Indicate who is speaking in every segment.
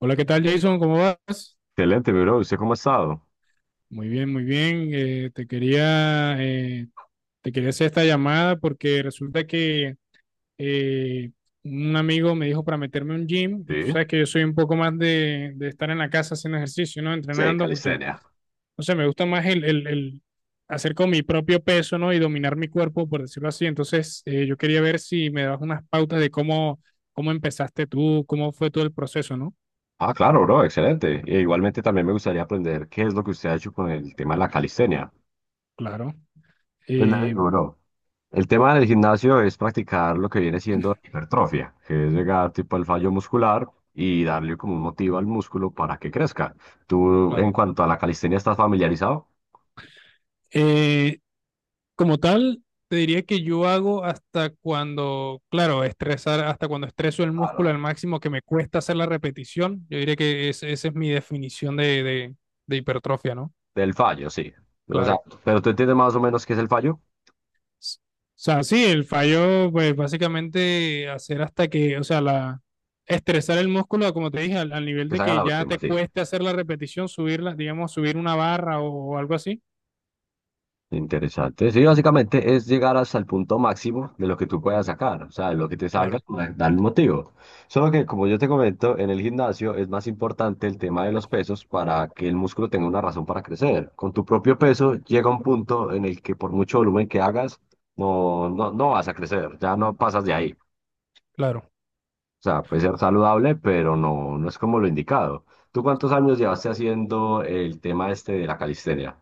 Speaker 1: Hola, ¿qué tal, Jason? ¿Cómo vas?
Speaker 2: Excelente, bro. ¿Usted cómo ha estado?
Speaker 1: Muy bien, muy bien. Te quería hacer esta llamada porque resulta que eh, un amigo me dijo para meterme a un gym y tú
Speaker 2: Sí.
Speaker 1: sabes que yo soy un poco más de estar en la casa haciendo ejercicio, ¿no?
Speaker 2: Sí,
Speaker 1: Entrenando porque,
Speaker 2: calistenia.
Speaker 1: no sé, me gusta más el hacer con mi propio peso, ¿no? Y dominar mi cuerpo, por decirlo así. Entonces, yo quería ver si me dabas unas pautas de cómo, cómo empezaste tú, cómo fue todo el proceso, ¿no?
Speaker 2: Ah, claro, bro. Excelente. E igualmente también me gustaría aprender qué es lo que usted ha hecho con el tema de la calistenia.
Speaker 1: Claro.
Speaker 2: Pues le
Speaker 1: Eh,
Speaker 2: digo, bro. El tema del gimnasio es practicar lo que viene siendo hipertrofia, que es llegar tipo al fallo muscular y darle como un motivo al músculo para que crezca. ¿Tú
Speaker 1: Claro.
Speaker 2: en cuanto a la calistenia estás familiarizado?
Speaker 1: eh, Como tal, te diría que yo hago hasta cuando, claro, estresar, hasta cuando estreso el músculo al
Speaker 2: Claro.
Speaker 1: máximo que me cuesta hacer la repetición. Yo diría que esa es mi definición de hipertrofia, ¿no?
Speaker 2: Del fallo, sí. O sea,
Speaker 1: Claro.
Speaker 2: pero tú entiendes más o menos qué es el fallo,
Speaker 1: O sea, sí, el fallo, pues básicamente hacer hasta que, o sea, estresar el músculo, como te dije, al nivel
Speaker 2: que
Speaker 1: de
Speaker 2: se haga
Speaker 1: que
Speaker 2: la
Speaker 1: ya
Speaker 2: última,
Speaker 1: te
Speaker 2: sí.
Speaker 1: cueste hacer la repetición, subirla, digamos, subir una barra o algo así.
Speaker 2: Interesante. Sí, básicamente es llegar hasta el punto máximo de lo que tú puedas sacar, o sea, de lo que te salga,
Speaker 1: Claro,
Speaker 2: dar un motivo. Solo que, como yo te comento, en el gimnasio es más importante el tema de los pesos para que el músculo tenga una razón para crecer. Con tu propio peso llega un punto en el que por mucho volumen que hagas, no, no, no vas a crecer, ya no pasas de ahí. O
Speaker 1: claro.
Speaker 2: sea, puede ser saludable, pero no, no es como lo indicado. ¿Tú cuántos años llevaste haciendo el tema este de la calistenia?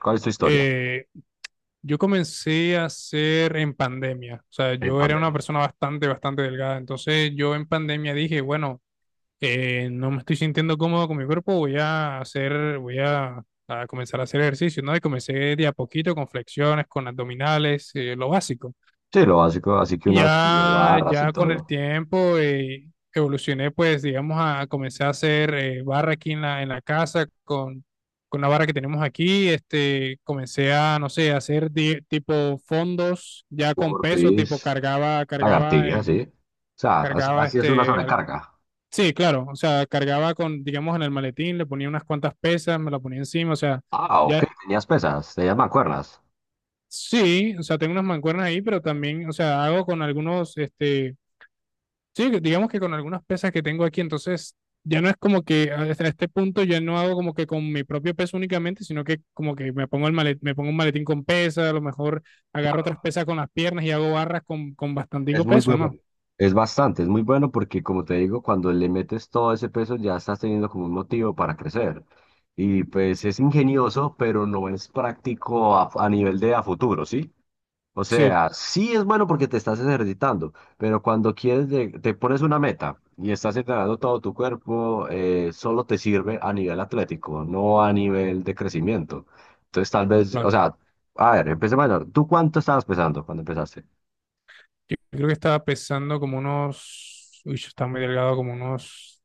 Speaker 2: ¿Cuál es tu historia
Speaker 1: Eh, Yo comencé a hacer en pandemia, o sea,
Speaker 2: en
Speaker 1: yo era una
Speaker 2: pandemia?
Speaker 1: persona bastante, bastante delgada, entonces yo en pandemia dije, bueno, no me estoy sintiendo cómodo con mi cuerpo, voy a comenzar a hacer ejercicio, ¿no? Y comencé de a poquito con flexiones, con abdominales, lo básico.
Speaker 2: Sí, lo básico, así que
Speaker 1: Y
Speaker 2: unas como
Speaker 1: Ya,
Speaker 2: barras y
Speaker 1: ya con el
Speaker 2: todo,
Speaker 1: tiempo evolucioné, pues, digamos, comencé a hacer barra aquí en la casa con la barra que tenemos aquí. Este, comencé a, no sé, a hacer tipo fondos ya con peso,
Speaker 2: burpees,
Speaker 1: tipo cargaba, cargaba,
Speaker 2: lagartijas, sí. O sea, así,
Speaker 1: cargaba
Speaker 2: así es una
Speaker 1: este,
Speaker 2: sobrecarga.
Speaker 1: sí, claro, o sea, cargaba con, digamos, en el maletín, le ponía unas cuantas pesas, me la ponía encima, o sea,
Speaker 2: Ah, ok,
Speaker 1: ya,
Speaker 2: tenías pesas, tenías mancuernas.
Speaker 1: sí, o sea, tengo unas mancuernas ahí, pero también, o sea, hago con algunos, este. Sí, que digamos que con algunas pesas que tengo aquí, entonces ya no es como que hasta este punto ya no hago como que con mi propio peso únicamente, sino que como que me pongo un maletín con pesas, a lo mejor agarro otras pesas con las piernas y hago barras con
Speaker 2: Es
Speaker 1: bastantico
Speaker 2: muy
Speaker 1: peso,
Speaker 2: bueno.
Speaker 1: ¿no?
Speaker 2: Es bastante, es muy bueno porque como te digo, cuando le metes todo ese peso ya estás teniendo como un motivo para crecer. Y pues es ingenioso, pero no es práctico a nivel de a futuro, ¿sí? O
Speaker 1: Sí,
Speaker 2: sea, sí es bueno porque te estás ejercitando, pero cuando quieres, te pones una meta y estás entrenando todo tu cuerpo, solo te sirve a nivel atlético, no a nivel de crecimiento. Entonces, tal vez, o
Speaker 1: claro.
Speaker 2: sea, a ver, empecemos menor. ¿Tú cuánto estabas pesando cuando empezaste?
Speaker 1: Yo creo que estaba pesando como unos, uy, yo estaba muy delgado, como unos,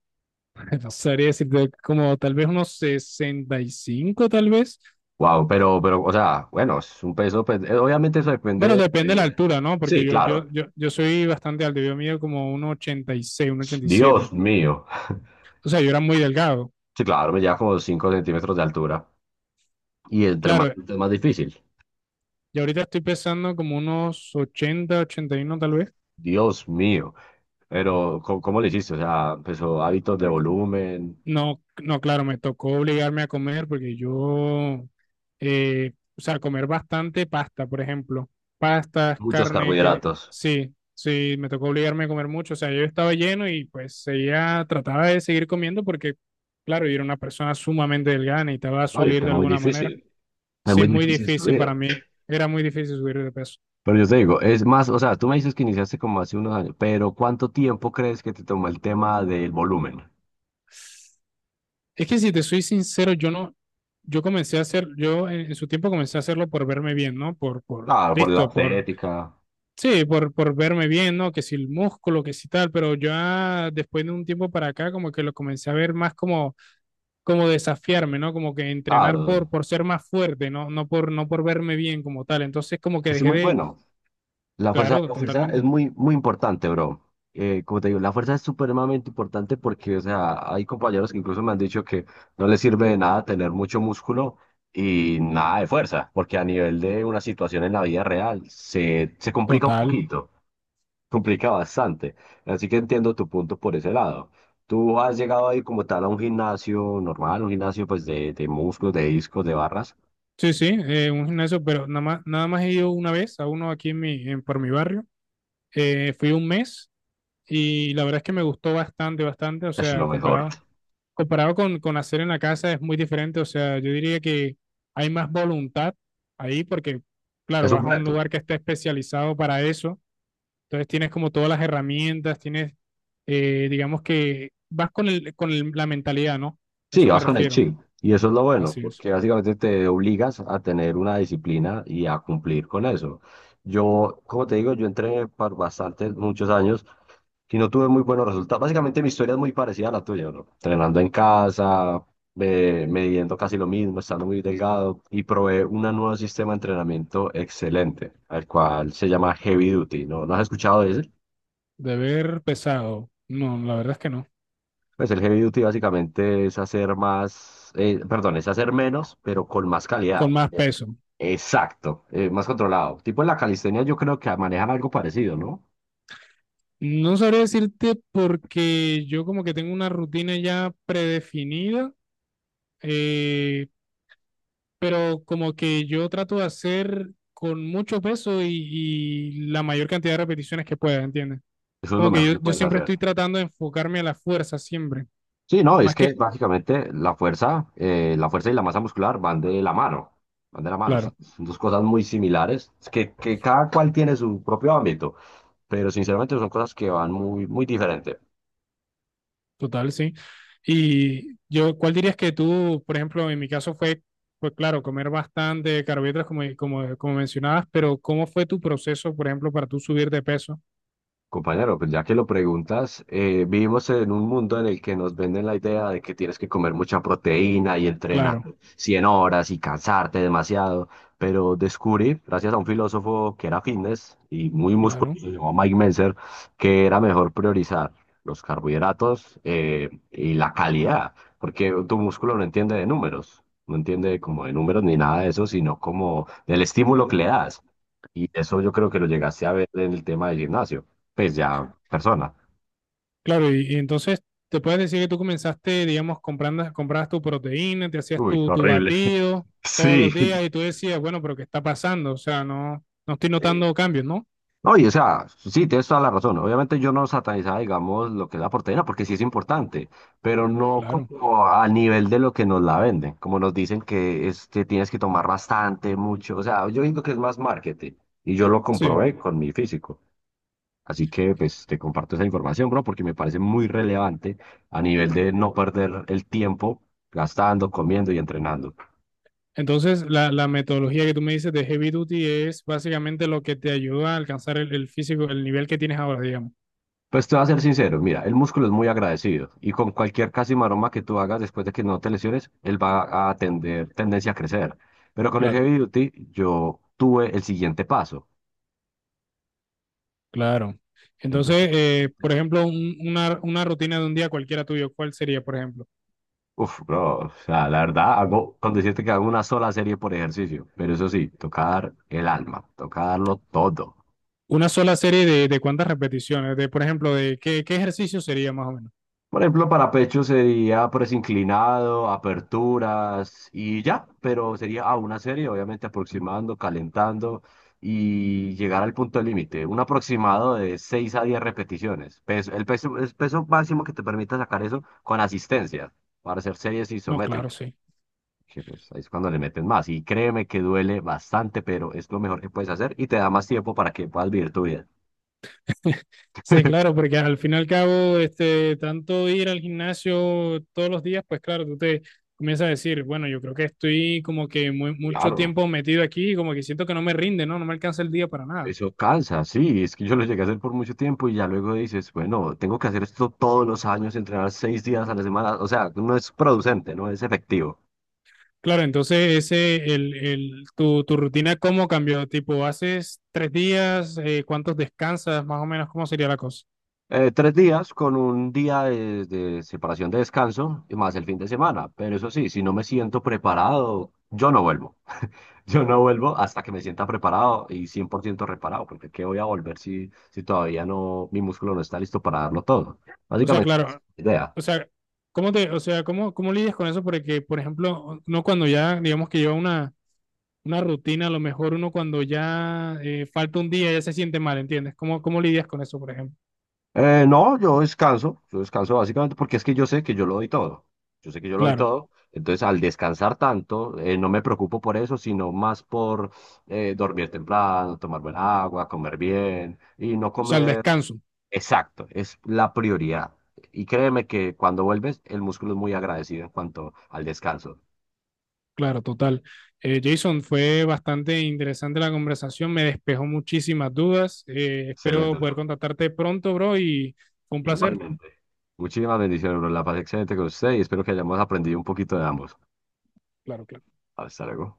Speaker 1: no sabría decirte, como tal vez unos 65 tal vez.
Speaker 2: Wow, pero, o sea, bueno, es un peso, pues, obviamente eso
Speaker 1: Bueno,
Speaker 2: depende.
Speaker 1: depende de la altura, ¿no? Porque
Speaker 2: Sí,
Speaker 1: yo, yo,
Speaker 2: claro.
Speaker 1: yo, yo soy bastante alto, yo mido como uno uno ochenta 86 uno 87.
Speaker 2: Dios mío.
Speaker 1: O sea, yo era muy delgado.
Speaker 2: Sí, claro, me lleva como 5 centímetros de altura. Y entre más
Speaker 1: Claro,
Speaker 2: alto es más difícil.
Speaker 1: y ahorita estoy pesando como unos 80, 81 tal vez.
Speaker 2: Dios mío. Pero, ¿cómo, cómo le hiciste? O sea, empezó hábitos de volumen,
Speaker 1: No, no, claro, me tocó obligarme a comer porque yo, o sea, comer bastante pasta, por ejemplo. Pastas,
Speaker 2: muchos
Speaker 1: carne, que
Speaker 2: carbohidratos.
Speaker 1: sí, sí, me tocó obligarme a comer mucho. O sea, yo estaba lleno y pues seguía, trataba de seguir comiendo porque, claro, yo era una persona sumamente delgada, necesitaba
Speaker 2: Ay, es
Speaker 1: subir
Speaker 2: que es
Speaker 1: de
Speaker 2: muy
Speaker 1: alguna manera.
Speaker 2: difícil. Es
Speaker 1: Sí,
Speaker 2: muy
Speaker 1: es muy
Speaker 2: difícil
Speaker 1: difícil
Speaker 2: subir.
Speaker 1: para mí, era muy difícil subir de peso.
Speaker 2: Pero yo te digo, es más, o sea, tú me dices que iniciaste como hace unos años, pero ¿cuánto tiempo crees que te tomó el tema del volumen?
Speaker 1: Es que si te soy sincero, yo no, yo comencé a hacer, yo en su tiempo comencé a hacerlo por verme bien, ¿no? Por,
Speaker 2: Claro, por la
Speaker 1: listo,
Speaker 2: estética.
Speaker 1: sí, por verme bien, ¿no? Que si el músculo, que si tal, pero ya después de un tiempo para acá, como que lo comencé a ver más como, como desafiarme, ¿no? Como que entrenar por,
Speaker 2: Claro,
Speaker 1: por ser más fuerte, ¿no? No por verme bien como tal. Entonces, como que
Speaker 2: es
Speaker 1: dejé
Speaker 2: muy
Speaker 1: de,
Speaker 2: bueno.
Speaker 1: claro,
Speaker 2: La fuerza es
Speaker 1: totalmente.
Speaker 2: muy, muy importante, bro. Como te digo, la fuerza es supremamente importante porque, o sea, hay compañeros que incluso me han dicho que no les sirve de nada tener mucho músculo y nada de fuerza, porque a nivel de una situación en la vida real se complica un
Speaker 1: Total.
Speaker 2: poquito, complica bastante. Así que entiendo tu punto por ese lado. ¿Tú has llegado a ir como tal a un gimnasio normal, un gimnasio pues de músculos, de discos, de barras?
Speaker 1: Sí, sí, un gimnasio, pero nada más he ido una vez a uno aquí por mi barrio. Fui un mes y la verdad es que me gustó bastante, bastante, o
Speaker 2: Es
Speaker 1: sea,
Speaker 2: lo mejor.
Speaker 1: comparado con hacer en la casa es muy diferente, o sea, yo diría que hay más voluntad ahí porque, claro,
Speaker 2: Es
Speaker 1: vas
Speaker 2: un
Speaker 1: a un
Speaker 2: reto.
Speaker 1: lugar que está especializado para eso, entonces tienes como todas las herramientas, tienes, digamos que vas con la mentalidad, ¿no? A
Speaker 2: Sí,
Speaker 1: eso me
Speaker 2: vas con el
Speaker 1: refiero,
Speaker 2: chip. Y eso es lo bueno,
Speaker 1: así es.
Speaker 2: porque básicamente te obligas a tener una disciplina y a cumplir con eso. Yo, como te digo, yo entrené por bastantes, muchos años y no tuve muy buenos resultados. Básicamente mi historia es muy parecida a la tuya, ¿no? Entrenando en casa, midiendo casi lo mismo, estando muy delgado y probé un nuevo sistema de entrenamiento excelente, al cual se llama Heavy Duty, ¿no? ¿No has escuchado de ese?
Speaker 1: Deber pesado, no, la verdad es que no,
Speaker 2: Pues el heavy duty básicamente es hacer más, perdón, es hacer menos, pero con más
Speaker 1: con
Speaker 2: calidad.
Speaker 1: más peso.
Speaker 2: Exacto, más controlado. Tipo en la calistenia yo creo que manejan algo parecido, ¿no?
Speaker 1: No sabría decirte porque yo como que tengo una rutina ya predefinida, eh, pero como que yo trato de hacer con mucho peso y la mayor cantidad de repeticiones que pueda, ¿entiendes?
Speaker 2: Eso es lo
Speaker 1: Como que
Speaker 2: mejor
Speaker 1: yo,
Speaker 2: que
Speaker 1: yo
Speaker 2: puedes
Speaker 1: siempre estoy
Speaker 2: hacer.
Speaker 1: tratando de enfocarme a la fuerza, siempre,
Speaker 2: Sí, no, es
Speaker 1: más
Speaker 2: que
Speaker 1: que,
Speaker 2: básicamente la fuerza y la masa muscular van de la mano, van de la mano, o sea,
Speaker 1: claro,
Speaker 2: son dos cosas muy similares, es que, cada cual tiene su propio ámbito, pero sinceramente son cosas que van muy, muy diferentes.
Speaker 1: total, sí. Y yo, ¿cuál dirías que tú, por ejemplo, en mi caso fue, pues claro, comer bastante carbohidratos como mencionabas, pero ¿cómo fue tu proceso, por ejemplo, para tú subir de peso?
Speaker 2: Compañero, pues ya que lo preguntas, vivimos en un mundo en el que nos venden la idea de que tienes que comer mucha proteína y entrenar
Speaker 1: Claro,
Speaker 2: 100 horas y cansarte demasiado, pero descubrí, gracias a un filósofo que era fitness y muy
Speaker 1: claro.
Speaker 2: musculoso, se llamaba Mike Mentzer, que era mejor priorizar los carbohidratos y la calidad, porque tu músculo no entiende de números, no entiende como de números ni nada de eso, sino como del estímulo que le das. Y eso yo creo que lo llegaste a ver en el tema del gimnasio pues ya persona.
Speaker 1: Claro, y entonces te puedes decir que tú comenzaste, digamos, comprabas tu proteína, te hacías
Speaker 2: Uy,
Speaker 1: tu
Speaker 2: horrible.
Speaker 1: batido todos los
Speaker 2: Sí.
Speaker 1: días y tú decías, bueno, pero ¿qué está pasando? O sea, no, no estoy notando cambios, ¿no?
Speaker 2: Oye, o sea, sí, tienes toda la razón. Obviamente yo no satanizaba, digamos, lo que es la proteína, porque sí es importante, pero no
Speaker 1: Claro,
Speaker 2: como a nivel de lo que nos la venden, como nos dicen que es que tienes que tomar bastante, mucho. O sea, yo digo que es más marketing y yo lo
Speaker 1: sí.
Speaker 2: comprobé con mi físico. Así que, pues, te comparto esa información, bro, porque me parece muy relevante a nivel de no perder el tiempo gastando, comiendo y entrenando.
Speaker 1: Entonces, la metodología que tú me dices de Heavy Duty es básicamente lo que te ayuda a alcanzar el físico, el nivel que tienes ahora, digamos.
Speaker 2: Pues te voy a ser sincero, mira, el músculo es muy agradecido y con cualquier casi maroma que tú hagas después de que no te lesiones, él va a tener tendencia a crecer. Pero con el
Speaker 1: Claro,
Speaker 2: heavy duty yo tuve el siguiente paso.
Speaker 1: claro.
Speaker 2: Entonces,
Speaker 1: Entonces,
Speaker 2: básicamente,
Speaker 1: por ejemplo, una rutina de un día cualquiera tuyo, ¿cuál sería, por ejemplo?
Speaker 2: uff, bro, o sea, la verdad, hago, con decirte que hago una sola serie por ejercicio, pero eso sí, tocar el alma, tocarlo todo.
Speaker 1: Una sola serie de cuántas repeticiones, de por ejemplo, de qué ejercicio sería más o menos.
Speaker 2: Por ejemplo, para pecho sería press inclinado, aperturas y ya, pero sería a una serie, obviamente aproximando, calentando y llegar al punto límite. Un aproximado de 6 a 10 repeticiones. El peso, el peso máximo que te permita sacar eso con asistencia para hacer series
Speaker 1: No, claro,
Speaker 2: isométricas.
Speaker 1: sí.
Speaker 2: Que, pues, ahí es cuando le meten más. Y créeme que duele bastante, pero es lo mejor que puedes hacer y te da más tiempo para que puedas vivir tu vida.
Speaker 1: Sí, claro, porque al fin y al cabo, este, tanto ir al gimnasio todos los días, pues claro, tú te comienzas a decir, bueno, yo creo que estoy como que mucho
Speaker 2: Claro.
Speaker 1: tiempo metido aquí, como que siento que no me rinde, ¿no? No me alcanza el día para nada.
Speaker 2: Eso cansa, sí, es que yo lo llegué a hacer por mucho tiempo y ya luego dices, bueno, tengo que hacer esto todos los años, entrenar 6 días a la semana, o sea, no es producente, no es efectivo.
Speaker 1: Claro, entonces ese, el, tu rutina, ¿cómo cambió? Tipo, ¿haces 3 días? ¿Cuántos descansas? Más o menos, ¿cómo sería la cosa?
Speaker 2: 3 días con un día de separación de descanso y más el fin de semana, pero eso sí, si no me siento preparado, yo no vuelvo. Yo no vuelvo hasta que me sienta preparado y 100% reparado, porque ¿qué voy a volver si todavía no, mi músculo no está listo para darlo todo?
Speaker 1: O sea,
Speaker 2: Básicamente, esa es
Speaker 1: claro.
Speaker 2: la idea.
Speaker 1: O sea, ¿cómo o sea, cómo lidias con eso? Porque, por ejemplo, no cuando ya, digamos que lleva una rutina, a lo mejor uno cuando ya falta un día ya se siente mal, ¿entiendes? ¿Cómo lidias con eso, por ejemplo?
Speaker 2: No, yo descanso básicamente porque es que yo sé que yo lo doy todo, yo sé que yo lo doy
Speaker 1: Claro, o
Speaker 2: todo, entonces al descansar tanto, no me preocupo por eso, sino más por dormir temprano, tomar buena agua, comer bien y no
Speaker 1: sea, el
Speaker 2: comer.
Speaker 1: descanso,
Speaker 2: Exacto, es la prioridad. Y créeme que cuando vuelves, el músculo es muy agradecido en cuanto al descanso.
Speaker 1: claro, total. Jason, fue bastante interesante la conversación, me despejó muchísimas dudas. eh,
Speaker 2: Excelente,
Speaker 1: espero
Speaker 2: bro.
Speaker 1: poder contactarte pronto, bro, y fue un placer.
Speaker 2: Igualmente. Muchísimas bendiciones, bro. La pasé excelente con usted y espero que hayamos aprendido un poquito de ambos.
Speaker 1: Claro, claro.
Speaker 2: Hasta luego.